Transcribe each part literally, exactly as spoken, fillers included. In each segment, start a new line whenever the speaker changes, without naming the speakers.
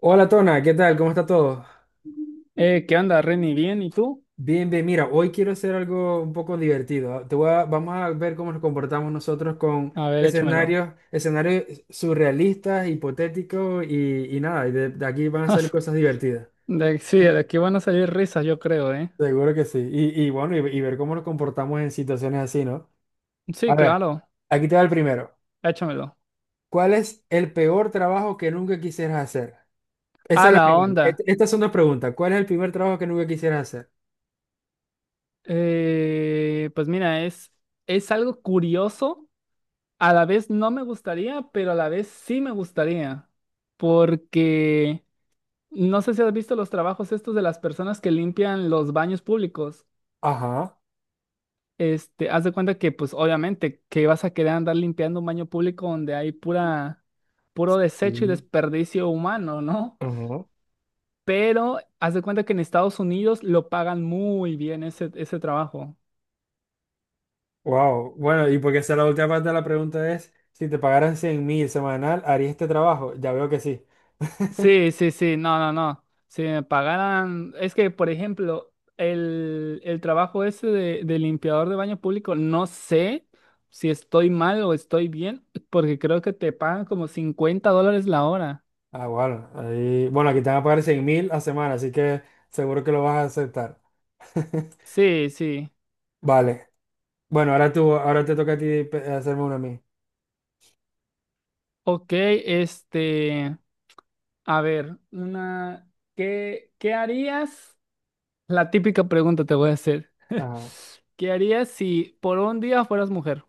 Hola Tona, ¿qué tal? ¿Cómo está todo?
Eh, ¿qué onda, Reni? ¿Bien? ¿Y tú?
Bien, bien, mira, hoy quiero hacer algo un poco divertido. Te voy a- vamos a ver cómo nos comportamos nosotros con
A ver, échamelo.
escenarios, escenarios surrealistas, hipotéticos y, y nada, y de, de aquí van a salir cosas divertidas.
De, sí, de aquí van a salir risas, yo creo, ¿eh?
Seguro que sí. Y, y bueno, y, y ver cómo nos comportamos en situaciones así, ¿no? A
Sí,
ver,
claro,
aquí te va el primero.
échamelo.
¿Cuál es el peor trabajo que nunca quisieras hacer?
A
Esa es la
la
primera.
onda.
Est- estas son dos preguntas. ¿Cuál es el primer trabajo que nunca quisieras hacer?
Eh, pues mira, es, es algo curioso. A la vez no me gustaría, pero a la vez sí me gustaría. Porque no sé si has visto los trabajos estos de las personas que limpian los baños públicos.
Ajá.
Este, haz de cuenta que, pues, obviamente, que vas a querer andar limpiando un baño público donde hay pura, puro desecho y
Mm.
desperdicio humano, ¿no?
Ajá.
Pero haz de cuenta que en Estados Unidos lo pagan muy bien ese, ese trabajo.
Wow, bueno, y porque esa es la última parte de la pregunta es, si te pagaran cien mil semanal, ¿harías este trabajo? Ya veo que sí.
Sí, sí, sí, no, no, no. Si me pagaran, es que, por ejemplo, el, el trabajo ese de, de limpiador de baño público, no sé si estoy mal o estoy bien, porque creo que te pagan como cincuenta dólares la hora.
Ah, bueno, ahí, bueno, aquí te van a pagar cien mil a semana, así que seguro que lo vas a aceptar.
Sí, sí.
Vale, bueno, ahora tú, ahora te toca a ti pe- hacerme una a mí.
Ok, este, a ver, una, ¿qué, qué harías? La típica pregunta te voy a hacer.
Ajá.
¿Qué harías si por un día fueras mujer?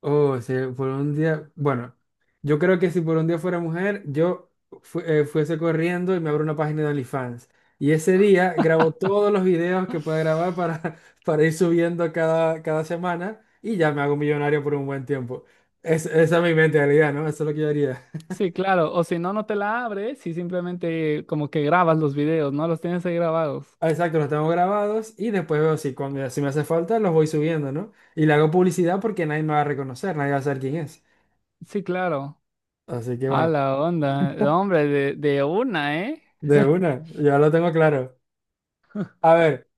Oh, si por un día, bueno, yo creo que si por un día fuera mujer, yo fu- eh, fuese corriendo y me abro una página de OnlyFans. Y ese día grabo todos los videos que pueda grabar para, para ir subiendo cada, cada semana y ya me hago millonario por un buen tiempo. Es, esa es mi mentalidad, ¿no? Eso es lo que yo haría.
Sí, claro, o si no, no te la abres y simplemente como que grabas los videos, ¿no? Los tienes ahí grabados.
Ah, exacto, los tengo grabados y después veo si, cuando, si me hace falta los voy subiendo, ¿no? Y le hago publicidad porque nadie me va a reconocer, nadie va a saber quién es.
Sí, claro.
Así que
A
bueno,
la onda, eh, hombre, de, de una, ¿eh?
de una, ya lo tengo claro. A ver.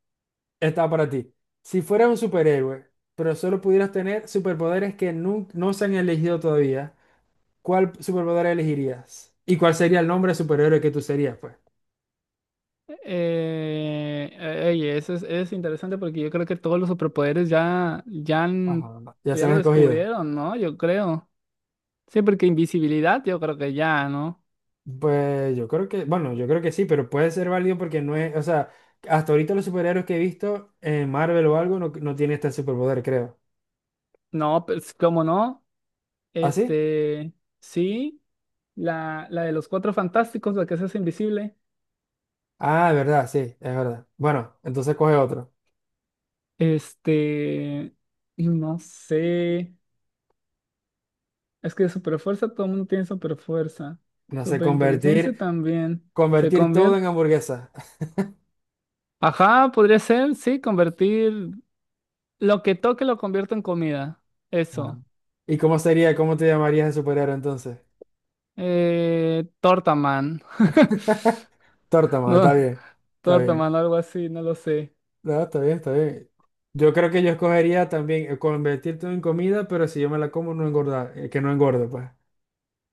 Está para ti. Si fueras un superhéroe, pero solo pudieras tener superpoderes que nun- no se han elegido todavía, ¿cuál superpoder elegirías? ¿Y cuál sería el nombre de superhéroe que tú serías, pues?
Eh, eh, oye, eso es, es interesante porque yo creo que todos los superpoderes ya, ya, han-
Ajá. Ya
pues
se
ya
han
lo
escogido.
descubrieron, ¿no? Yo creo. Sí, porque invisibilidad yo creo que ya, ¿no?
Pues yo creo que, bueno, yo creo que sí, pero puede ser válido porque no es, o sea, hasta ahorita los superhéroes que he visto en Marvel o algo no, no tiene este superpoder, creo.
No, pues, ¿cómo no?
¿Ah, sí?
Este, sí, la, la de los cuatro fantásticos, la que se hace invisible.
Ah, verdad, sí, es verdad. Bueno, entonces coge otro.
Este, y no sé, es que super fuerza, todo el mundo tiene super fuerza.
No sé,
Super
convertir,
inteligencia también. Se
convertir todo
convierte,
en hamburguesa.
ajá, podría ser, sí, convertir lo que toque lo convierto en comida.
Ah.
Eso.
¿Y cómo sería, cómo te llamarías de superhéroe entonces?
Eh, Tortaman.
Tórtama, está
No,
bien, está bien.
Tortaman, algo así, no lo sé.
No, está bien, está bien. Yo creo que yo escogería también eh, convertirte en comida, pero si yo me la como, no engordar, eh, que no engorde, pues.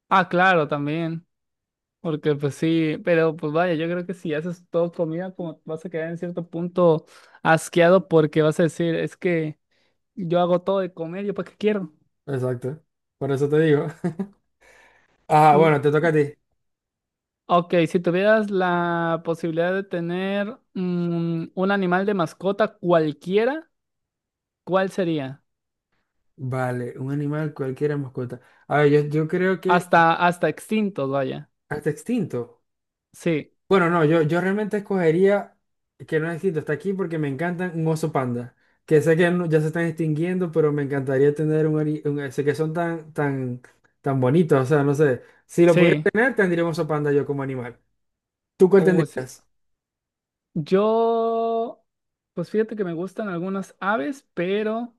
Ah, claro, también. Porque pues sí, pero pues vaya, yo creo que si haces todo comida, como vas a quedar en cierto punto asqueado porque vas a decir, es que yo hago todo de comer, ¿yo para qué quiero?
Exacto. Por eso te digo. Ah,
Mm,
bueno, te toca a ti.
ok, si tuvieras la posibilidad de tener mm, un animal de mascota cualquiera, ¿cuál sería?
Vale, un animal, cualquiera mascota. A ver, yo, yo creo que
Hasta, hasta extintos, vaya.
hasta extinto.
Sí,
Bueno, no, yo, yo realmente escogería, que no es distinto, está aquí porque me encantan un oso panda, que sé que no- ya se están extinguiendo, pero me encantaría tener un, ari- un- eh, sé que son tan, tan, tan bonitos, o sea, no sé, si lo pudiera
sí.
tener, tendría un oso panda yo como animal. ¿Tú cuál
Uh, sí.
tendrías?
Yo, pues fíjate que me gustan algunas aves, pero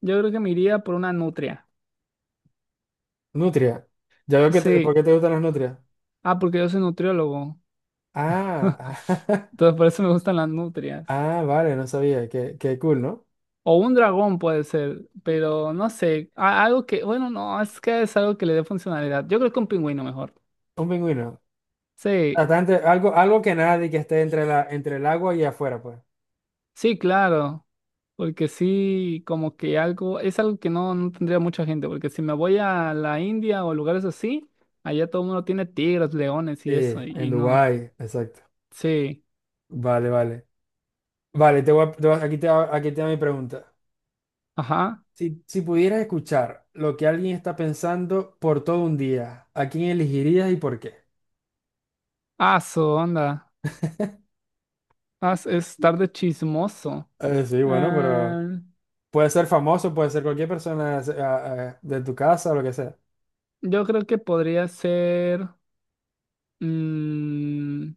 yo creo que me iría por una nutria.
Nutria. Ya veo que, te- ¿por
Sí.
qué te gustan las nutrias?
Ah, porque yo soy nutriólogo.
Ah,
Entonces por eso me gustan las nutrias.
ah, vale, no sabía, qué, qué cool, ¿no?
O un dragón puede ser, pero no sé. A- Algo que, bueno, no, es que es algo que le dé funcionalidad. Yo creo que un pingüino mejor.
Un pingüino.
Sí,
Bastante- algo, algo que nadie que esté entre la, entre el agua y afuera, pues.
sí, claro. Porque sí, como que algo, es algo que no, no tendría mucha gente, porque si me voy a la India o lugares así, allá todo el mundo tiene tigres, leones
Sí,
y eso,
en
y no.
Dubái, exacto.
Sí,
Vale, vale. Vale, te voy a- te voy a- aquí te, va- aquí te va mi pregunta.
ajá.
Si, si pudieras escuchar lo que alguien está pensando por todo un día, ¿a quién elegirías y por qué?
Ah, su onda. Ah, es es estar de chismoso.
Eh, sí, bueno, pero
Ah,
puede ser famoso, puede ser cualquier persona se- a- de tu casa o lo que sea.
yo creo que podría ser mm,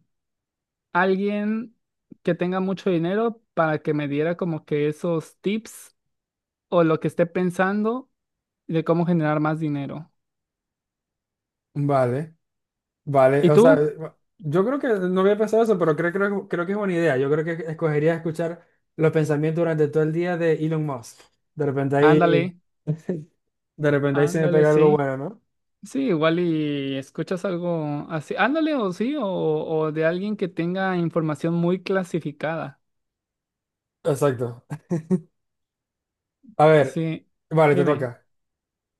alguien que tenga mucho dinero para que me diera como que esos tips o lo que esté pensando de cómo generar más dinero.
Vale, vale.
¿Y
O sea,
tú?
yo creo que no había pensado eso, pero creo, creo, creo que es buena idea. Yo creo que escogería escuchar los pensamientos durante todo el día de Elon Musk. De repente
Ándale,
ahí, de repente ahí se me
ándale,
pega algo
sí.
bueno, ¿no?
Sí, igual y escuchas algo así. Ándale, o sí, o, o de alguien que tenga información muy clasificada.
Exacto. A ver,
Sí,
vale, te
dime.
toca.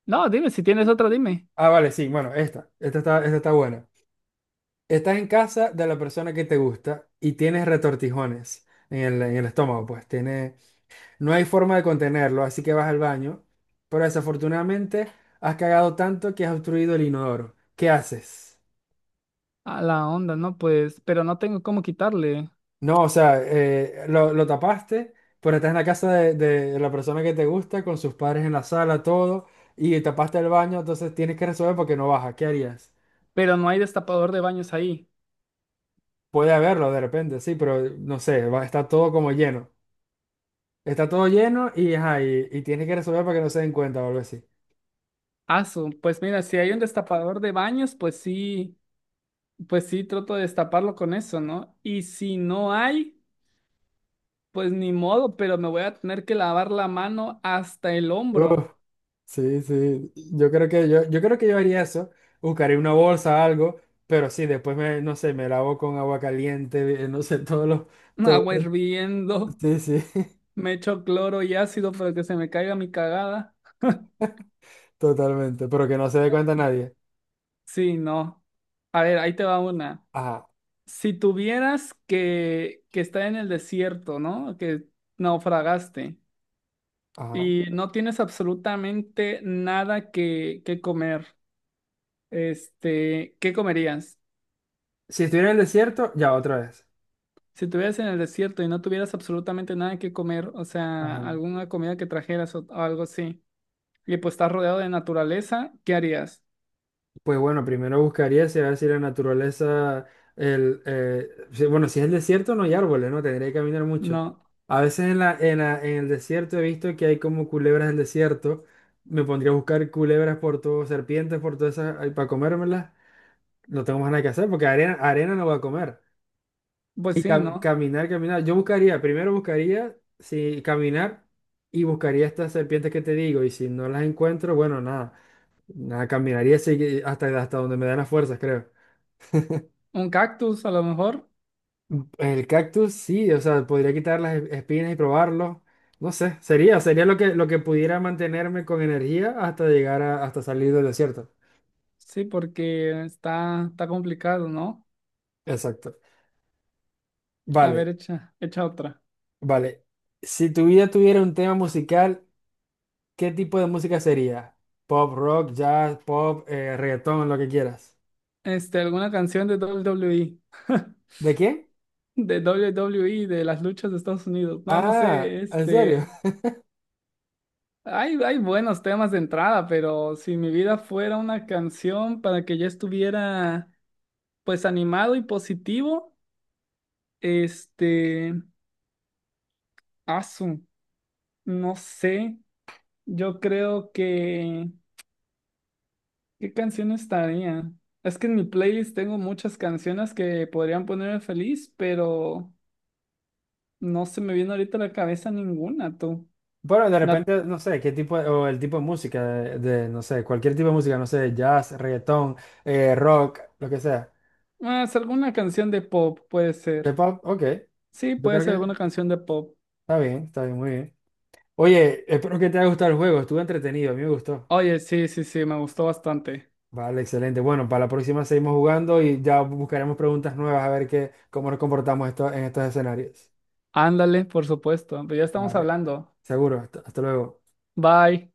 No, dime, si tienes otra, dime.
Ah, vale, sí, bueno, esta, esta está, esta está buena. Estás en casa de la persona que te gusta y tienes retortijones en el, en el estómago, pues tiene, no hay forma de contenerlo, así que vas al baño, pero desafortunadamente has cagado tanto que has obstruido el inodoro. ¿Qué haces?
A la onda, no, pues, pero no tengo cómo quitarle.
No, o sea, eh, lo, lo tapaste, pero estás en la casa de, de la persona que te gusta, con sus padres en la sala, todo, y tapaste el baño, entonces tienes que resolver porque no baja. ¿Qué harías?
Pero no hay destapador de baños ahí.
Puede haberlo de repente, sí, pero no sé, va, está todo como lleno. Está todo lleno y, ajá, y, y tienes que resolver para que no se den cuenta o algo así.
Asu, pues mira, si hay un destapador de baños, pues sí, pues sí, trato de destaparlo con eso, ¿no? Y si no hay, pues ni modo, pero me voy a tener que lavar la mano hasta el hombro.
Uf, sí, sí. Yo creo que yo, yo creo que yo, haría eso. Buscaría una bolsa, algo, pero sí, después me, no sé, me lavo con agua caliente, eh, no sé, todos los, todo,
Agua hirviendo,
sí, sí,
me echo cloro y ácido para que se me caiga mi cagada.
totalmente. Pero que no se dé cuenta nadie.
Sí, no. A ver, ahí te va una.
Ajá,
Si tuvieras que, que estar en el desierto, ¿no? Que naufragaste
ajá.
y no tienes absolutamente nada que, que comer, este, ¿qué comerías?
Si estuviera en el desierto, ya otra vez.
Si estuvieras en el desierto y no tuvieras absolutamente nada que comer, o sea,
Ajá.
alguna comida que trajeras o, o algo así, y pues estás rodeado de naturaleza, ¿qué harías?
Pues bueno, primero buscaría si a ver si la naturaleza, el, eh, si- bueno, si es el desierto no hay árboles, ¿no? Tendría que caminar mucho.
No.
A veces en la, en la- en el desierto he visto que hay como culebras del desierto. Me pondría a buscar culebras por todo, serpientes por todas esas, para comérmelas. No tengo más nada que hacer porque arena, arena no voy a comer.
Pues
Y
sí,
ca-
¿no?
caminar, caminar. Yo buscaría, primero buscaría, si caminar y buscaría estas serpientes que te digo. Y si no las encuentro, bueno, nada, nada, caminaría segui- hasta, hasta donde me dan las fuerzas, creo.
Un cactus a lo mejor.
El cactus, sí, o sea, podría quitar las e- espinas y probarlo. No sé, sería, sería lo que, lo que pudiera mantenerme con energía hasta llegar a, hasta salir del desierto.
Sí, porque está, está complicado, ¿no?
Exacto.
A ver,
Vale,
echa, echa otra.
vale. Si tu vida tuviera un tema musical, ¿qué tipo de música sería? Pop, rock, jazz, pop, eh, reggaetón, lo que quieras.
Este, alguna canción de W W E.
¿De qué?
De W W E, de las luchas de Estados Unidos. No, no
Ah,
sé,
¿en serio?
este. Hay, hay buenos temas de entrada, pero si mi vida fuera una canción para que yo estuviera, pues, animado y positivo, este. Asu, no sé. Yo creo que. ¿Qué canción estaría? Es que en mi playlist tengo muchas canciones que podrían ponerme feliz, pero no se me viene ahorita a la cabeza ninguna, tú.
Bueno, de
La...
repente, no sé, qué tipo, o el tipo de música, de, de, no sé, cualquier tipo de música, no sé, jazz, reggaetón, eh, rock, lo que sea.
ah, es alguna canción de pop, puede
De
ser.
pub, ok.
Sí,
Yo
puede
creo que
ser alguna canción de pop.
está bien, está bien, muy bien. Oye, espero que te haya gustado el juego. Estuvo entretenido, a mí me gustó.
Oye, sí, sí, sí, me gustó bastante.
Vale, excelente. Bueno, para la próxima seguimos jugando y ya buscaremos preguntas nuevas a ver qué, cómo nos comportamos esto, en estos escenarios.
Ándale, por supuesto, pero ya estamos
Vale,
hablando.
seguro. hasta hasta luego.
Bye.